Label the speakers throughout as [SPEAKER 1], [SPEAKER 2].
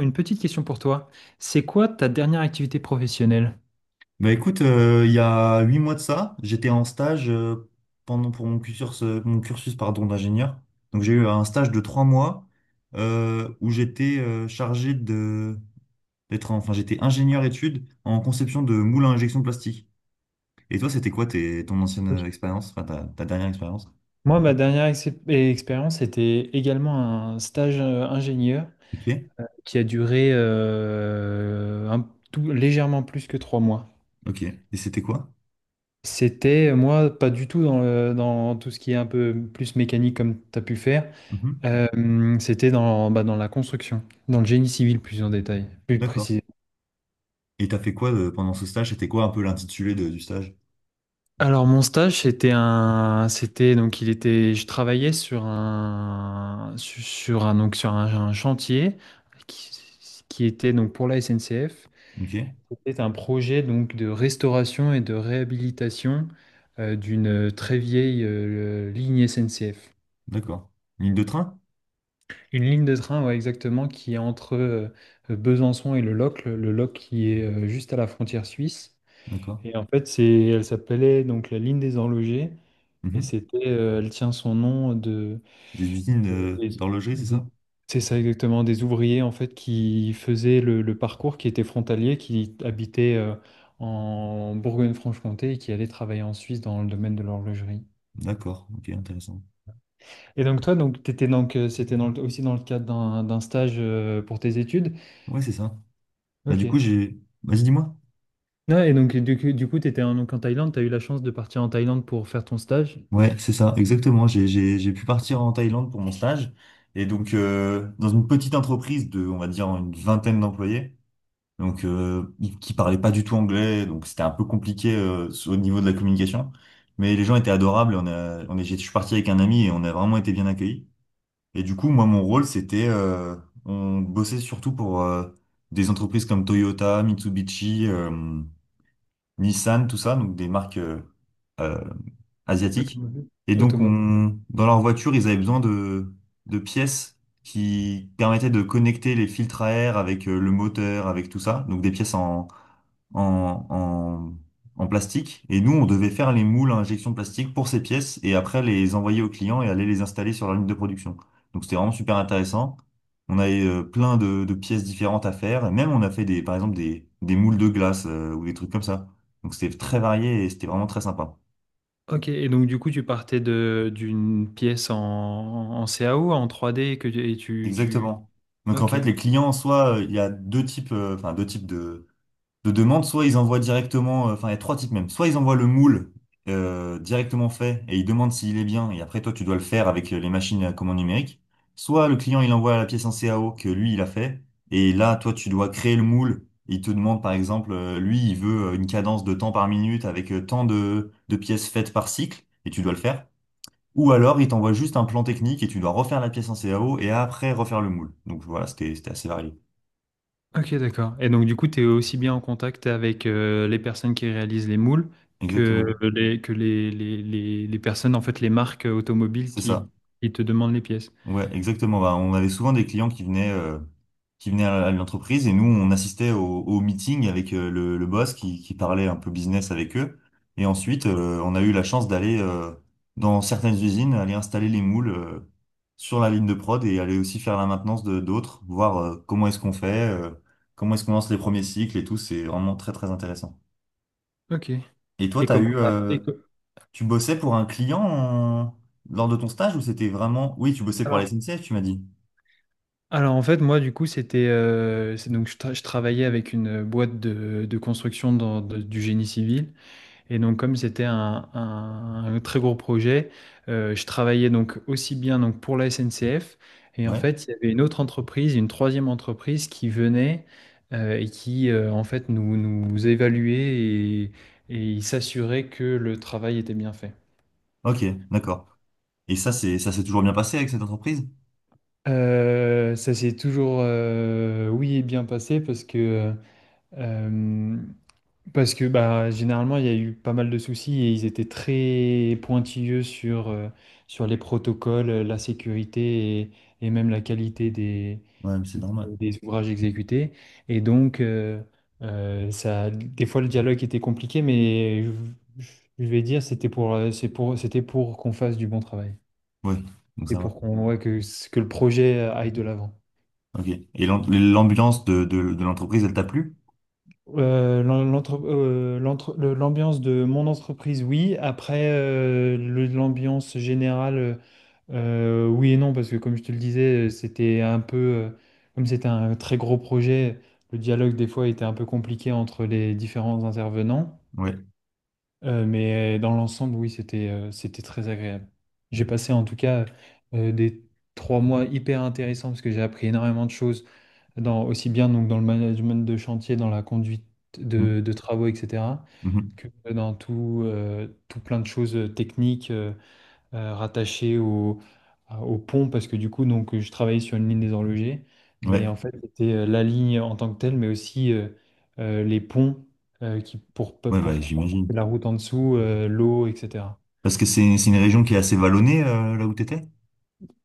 [SPEAKER 1] Une petite question pour toi. C'est quoi ta dernière activité professionnelle?
[SPEAKER 2] Bah écoute, il y a huit mois de ça, j'étais en stage pendant pour mon cursus pardon, d'ingénieur. Donc j'ai eu un stage de trois mois où j'étais chargé de d'être enfin j'étais ingénieur études en conception de moules à injection plastique. Et toi, c'était quoi tes, ton ancienne
[SPEAKER 1] Ok.
[SPEAKER 2] expérience, enfin ta dernière expérience?
[SPEAKER 1] Moi, ma dernière expérience était également un stage ingénieur
[SPEAKER 2] Ok,
[SPEAKER 1] qui a duré un légèrement plus que trois mois.
[SPEAKER 2] ok. Et c'était quoi?
[SPEAKER 1] C'était, moi, pas du tout dans tout ce qui est un peu plus mécanique comme tu as pu faire.
[SPEAKER 2] Mhm.
[SPEAKER 1] Euh, C'était dans, bah, dans la construction, dans le génie civil plus en détail, plus.
[SPEAKER 2] D'accord. Et t'as fait quoi pendant ce stage? C'était quoi un peu l'intitulé du stage?
[SPEAKER 1] Alors mon stage c'était un c'était donc il était je travaillais sur un chantier qui, qui était donc pour la SNCF.
[SPEAKER 2] Ok,
[SPEAKER 1] C'était un projet donc de restauration et de réhabilitation d'une très vieille ligne SNCF.
[SPEAKER 2] d'accord. Ligne de train?
[SPEAKER 1] Une ligne de train, ouais, exactement, qui est entre Besançon et le Locle qui est juste à la frontière suisse.
[SPEAKER 2] D'accord.
[SPEAKER 1] Et en fait c'est, elle s'appelait donc la ligne des Enlogés. Et c'était, elle tient son nom de,
[SPEAKER 2] Des usines
[SPEAKER 1] euh, des-
[SPEAKER 2] d'horlogerie, c'est
[SPEAKER 1] des-
[SPEAKER 2] ça?
[SPEAKER 1] c'est ça exactement, des ouvriers en fait qui faisaient le parcours, qui étaient frontaliers, qui habitaient en Bourgogne-Franche-Comté et qui allaient travailler en Suisse dans le domaine de l'horlogerie.
[SPEAKER 2] D'accord, ok, intéressant.
[SPEAKER 1] Et donc toi, t'étais c'était dans aussi dans le cadre d'un stage pour tes études.
[SPEAKER 2] Ouais, c'est ça. Bah,
[SPEAKER 1] Ok.
[SPEAKER 2] du coup, j'ai. Vas-y, dis-moi.
[SPEAKER 1] Ah, et donc du coup, t'étais en, donc en Thaïlande, t'as eu la chance de partir en Thaïlande pour faire ton stage
[SPEAKER 2] Ouais, c'est ça, exactement. J'ai pu partir en Thaïlande pour mon stage. Et donc, dans une petite entreprise de, on va dire, une vingtaine d'employés, donc qui parlaient pas du tout anglais, donc c'était un peu compliqué au niveau de la communication. Mais les gens étaient adorables. On a, on est, j'ai- je suis parti avec un ami et on a vraiment été bien accueillis. Et du coup, moi, mon rôle, c'était, on bossait surtout pour des entreprises comme Toyota, Mitsubishi, Nissan, tout ça, donc des marques euh, asiatiques. Et donc,
[SPEAKER 1] automobile.
[SPEAKER 2] on, dans leur voiture, ils avaient besoin de, pièces qui permettaient de connecter les filtres à air avec le moteur, avec tout ça, donc des pièces en, en, en plastique. Et nous, on devait faire les moules à injection plastique pour ces pièces et après les envoyer aux clients et aller les installer sur leur ligne de production. Donc c'était vraiment super intéressant. On avait plein de pièces différentes à faire. Et même on a fait des, par exemple, des moules de glace ou des trucs comme ça. Donc c'était très varié et c'était vraiment très sympa.
[SPEAKER 1] OK, et donc du coup, tu partais de d'une pièce en, en CAO, en 3D que tu, et tu, tu-
[SPEAKER 2] Exactement. Donc en
[SPEAKER 1] OK.
[SPEAKER 2] fait, les clients, soit il y a deux types, enfin deux types de demande, soit ils envoient directement, enfin il y a trois types même, soit ils envoient le moule directement fait et ils demandent s'il est bien et après toi tu dois le faire avec les machines à commande numérique, soit le client il envoie la pièce en CAO que lui il a fait et là toi tu dois créer le moule, il te demande par exemple, lui il veut une cadence de temps par minute avec tant de, pièces faites par cycle et tu dois le faire. Ou alors, il t'envoie juste un plan technique et tu dois refaire la pièce en CAO et après refaire le moule. Donc voilà, c'était assez varié.
[SPEAKER 1] OK, d'accord. Et donc du coup, tu es aussi bien en contact avec les personnes qui réalisent les moules que
[SPEAKER 2] Exactement.
[SPEAKER 1] les personnes, en fait, les marques automobiles
[SPEAKER 2] C'est ça.
[SPEAKER 1] qui te demandent les pièces.
[SPEAKER 2] Ouais, exactement. Bah, on avait souvent des clients qui venaient à l'entreprise et nous, on assistait au, meeting avec le, boss qui parlait un peu business avec eux. Et ensuite, on a eu la chance d'aller dans certaines usines, aller installer les moules sur la ligne de prod et aller aussi faire la maintenance de d'autres, voir comment est-ce qu'on fait, comment est-ce qu'on lance les premiers cycles et tout. C'est vraiment très, très intéressant.
[SPEAKER 1] OK.
[SPEAKER 2] Et toi,
[SPEAKER 1] Et
[SPEAKER 2] t'as
[SPEAKER 1] comment
[SPEAKER 2] eu, tu bossais pour un client lors de ton stage ou c'était vraiment... Oui, tu bossais pour la
[SPEAKER 1] alors,
[SPEAKER 2] SNCF, tu m'as dit.
[SPEAKER 1] en fait, moi, du coup, c'était... je travaillais avec une boîte de construction du génie civil. Et donc, comme c'était un, un très gros projet, je travaillais donc aussi bien donc pour la SNCF. Et en
[SPEAKER 2] Ouais.
[SPEAKER 1] fait, il y avait une autre entreprise, une troisième entreprise qui venait et qui en fait nous évaluait et s'assurait que le travail était bien fait.
[SPEAKER 2] Ok, d'accord. Et ça, c'est ça s'est toujours bien passé avec cette entreprise?
[SPEAKER 1] Ça s'est toujours oui bien passé parce que euh, parce que bah, généralement, il y a eu pas mal de soucis et ils étaient très pointilleux sur, sur les protocoles, la sécurité et même la qualité
[SPEAKER 2] Ouais, mais c'est normal.
[SPEAKER 1] des ouvrages exécutés. Et donc, ça, des fois, le dialogue était compliqué, mais je, je vais dire, c'était pour, c'était pour qu'on fasse du bon travail.
[SPEAKER 2] Oui, donc
[SPEAKER 1] C'était
[SPEAKER 2] ça va.
[SPEAKER 1] pour qu'on, ouais, que le projet aille de l'avant.
[SPEAKER 2] Ok. Et l'ambiance de, de l'entreprise, elle t'a plu?
[SPEAKER 1] L'ambiance de mon entreprise, oui. Après, l'ambiance générale, oui et non, parce que comme je te le disais, c'était un peu, comme c'était un très gros projet, le dialogue des fois était un peu compliqué entre les différents intervenants.
[SPEAKER 2] Ouais.
[SPEAKER 1] Mais dans l'ensemble, oui, c'était très agréable. J'ai passé en tout cas des trois mois hyper intéressants parce que j'ai appris énormément de choses dans, aussi bien donc dans le management de chantier, dans la conduite
[SPEAKER 2] Mm,
[SPEAKER 1] de travaux, etc.,
[SPEAKER 2] mhm.
[SPEAKER 1] que dans tout, tout plein de choses techniques rattachées au, au pont, parce que du coup, donc, je travaillais sur une ligne des horlogers, mais
[SPEAKER 2] Ouais.
[SPEAKER 1] en fait, c'était la ligne en tant que telle, mais aussi les ponts qui,
[SPEAKER 2] Ouais,
[SPEAKER 1] pour
[SPEAKER 2] ouais, j'imagine.
[SPEAKER 1] la route en dessous, l'eau, etc.
[SPEAKER 2] Parce que c'est une région qui est assez vallonnée, là où t'étais?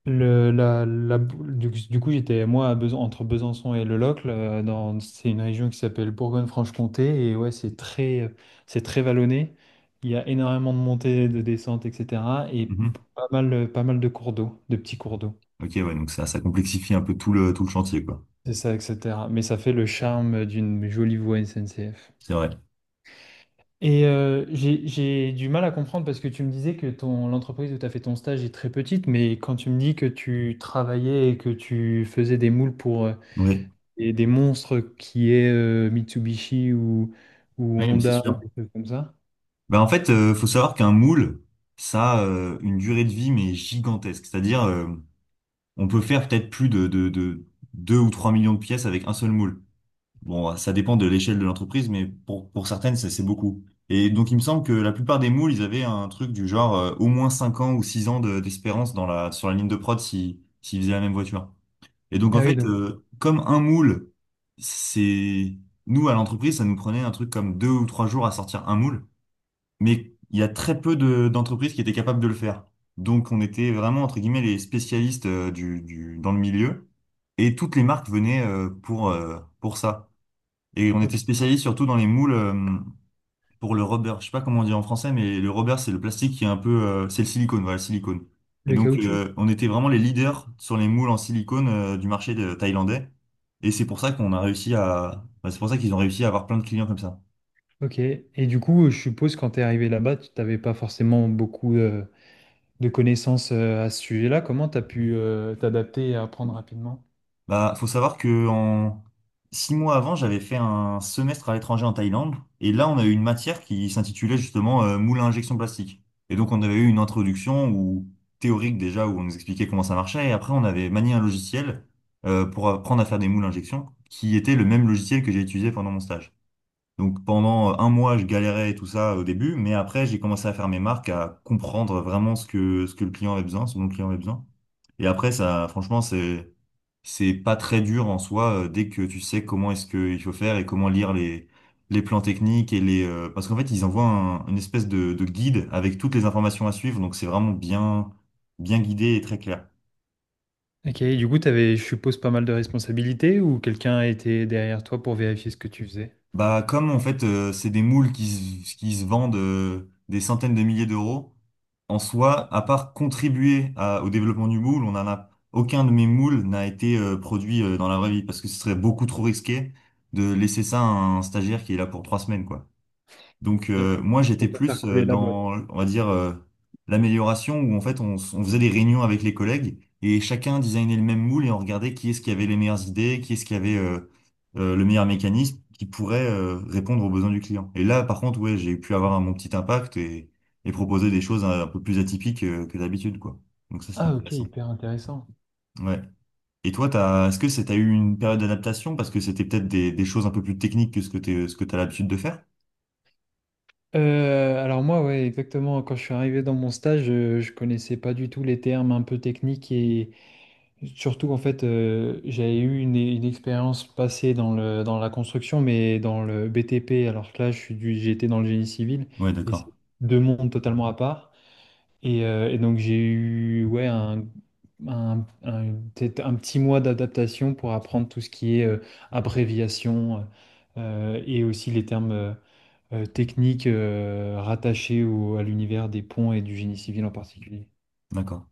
[SPEAKER 1] Le, la Du coup, j'étais moi entre Besançon et Le Locle. C'est une région qui s'appelle Bourgogne-Franche-Comté. Et ouais, c'est c'est très vallonné. Il y a énormément de montées, de descentes, etc. Et
[SPEAKER 2] Mhm.
[SPEAKER 1] pas mal de cours d'eau, de petits cours d'eau.
[SPEAKER 2] Ok, ouais, donc ça complexifie un peu tout le, chantier, quoi.
[SPEAKER 1] C'est ça, etc. Mais ça fait le charme d'une jolie voie SNCF.
[SPEAKER 2] C'est vrai.
[SPEAKER 1] Et j'ai du mal à comprendre parce que tu me disais que ton, l'entreprise où tu as fait ton stage est très petite, mais quand tu me dis que tu travaillais et que tu faisais des moules pour...
[SPEAKER 2] Oui.
[SPEAKER 1] et des monstres qui est Mitsubishi ou
[SPEAKER 2] Oui, mais c'est
[SPEAKER 1] Honda ou
[SPEAKER 2] sûr.
[SPEAKER 1] des trucs comme ça.
[SPEAKER 2] Ben, en fait, faut savoir qu'un moule, ça a une durée de vie, mais gigantesque. C'est-à-dire, on peut faire peut-être plus de, 2 ou 3 millions de pièces avec un seul moule. Bon, ça dépend de l'échelle de l'entreprise, mais pour certaines, c'est beaucoup. Et donc, il me semble que la plupart des moules, ils avaient un truc du genre au moins 5 ans ou 6 ans d'espérance dans la, sur la ligne de prod si, s'ils faisaient la même voiture. Et donc, en
[SPEAKER 1] Ah oui,
[SPEAKER 2] fait,
[SPEAKER 1] donc,
[SPEAKER 2] comme un moule, c'est... Nous, à l'entreprise, ça nous prenait un truc comme deux ou trois jours à sortir un moule, mais il y a très peu d'entreprises qui étaient capables de le faire. Donc, on était vraiment, entre guillemets, les spécialistes dans le milieu. Et toutes les marques venaient pour ça. Et on était
[SPEAKER 1] ok.
[SPEAKER 2] spécialisé surtout dans les moules pour le rubber. Je sais pas comment on dit en français, mais le rubber, c'est le plastique qui est un peu... c'est le silicone, voilà, le silicone. Et
[SPEAKER 1] Le
[SPEAKER 2] donc,
[SPEAKER 1] caoutchouc.
[SPEAKER 2] on était vraiment les leaders sur les moules en silicone du marché thaïlandais. Et c'est pour ça qu'on a réussi à... bah, c'est pour ça qu'ils ont réussi à avoir plein de clients comme ça.
[SPEAKER 1] Ok. Et du coup, je suppose quand tu es arrivé là-bas, tu n'avais pas forcément beaucoup de connaissances à ce sujet-là. Comment tu as pu t'adapter et apprendre rapidement?
[SPEAKER 2] Bah, faut savoir que en six mois avant, j'avais fait un semestre à l'étranger en Thaïlande, et là, on a eu une matière qui s'intitulait justement moule à injection plastique. Et donc, on avait eu une introduction ou théorique déjà où on nous expliquait comment ça marchait, et après, on avait manié un logiciel pour apprendre à faire des moules à injection, qui était le même logiciel que j'ai utilisé pendant mon stage. Donc, pendant un mois, je galérais et tout ça au début, mais après, j'ai commencé à faire mes marques, à comprendre vraiment ce que le client avait besoin, ce dont le client avait besoin. Et après, ça, franchement, c'est, pas très dur en soi, dès que tu sais comment est-ce qu'il faut faire et comment lire les, plans techniques et les, parce qu'en fait, ils envoient une espèce de, guide avec toutes les informations à suivre, donc c'est vraiment bien guidé et très clair.
[SPEAKER 1] Ok, et du coup, tu avais, je suppose, pas mal de responsabilités ou quelqu'un était derrière toi pour vérifier ce que tu faisais?
[SPEAKER 2] Bah, comme en fait, c'est des moules qui se vendent des centaines de milliers d'euros, en soi, à part contribuer au développement du moule, aucun de mes moules n'a été produit dans la vraie vie parce que ce serait beaucoup trop risqué de laisser ça à un stagiaire qui est là pour trois semaines, quoi. Donc moi j'étais
[SPEAKER 1] Faire
[SPEAKER 2] plus
[SPEAKER 1] couler la boîte.
[SPEAKER 2] dans, on va dire, l'amélioration où en fait on, on faisait des réunions avec les collègues et chacun designait le même moule et on regardait qui est-ce qui avait les meilleures idées, qui est-ce qui avait le meilleur mécanisme qui pourrait répondre aux besoins du client. Et là par contre ouais j'ai pu avoir mon petit impact et proposer des choses un peu plus atypiques que d'habitude quoi. Donc ça c'est
[SPEAKER 1] Ah, ok,
[SPEAKER 2] intéressant.
[SPEAKER 1] hyper intéressant.
[SPEAKER 2] Ouais. Et toi t'as, est-ce que c'est, t'as eu une période d'adaptation parce que c'était peut-être des choses un peu plus techniques que ce que t'es, ce que t'as l'habitude de faire?
[SPEAKER 1] Alors moi, ouais, exactement. Quand je suis arrivé dans mon stage, connaissais pas du tout les termes un peu techniques et surtout en fait, j'avais eu une expérience passée dans la construction, mais dans le BTP. Alors que là, j'étais dans le génie civil
[SPEAKER 2] Ouais
[SPEAKER 1] et c'est
[SPEAKER 2] d'accord,
[SPEAKER 1] deux mondes totalement à part. Et donc j'ai eu ouais peut-être un petit mois d'adaptation pour apprendre tout ce qui est abréviation et aussi les termes. Techniques, rattachées à l'univers des ponts et du génie civil en particulier.
[SPEAKER 2] d'accord.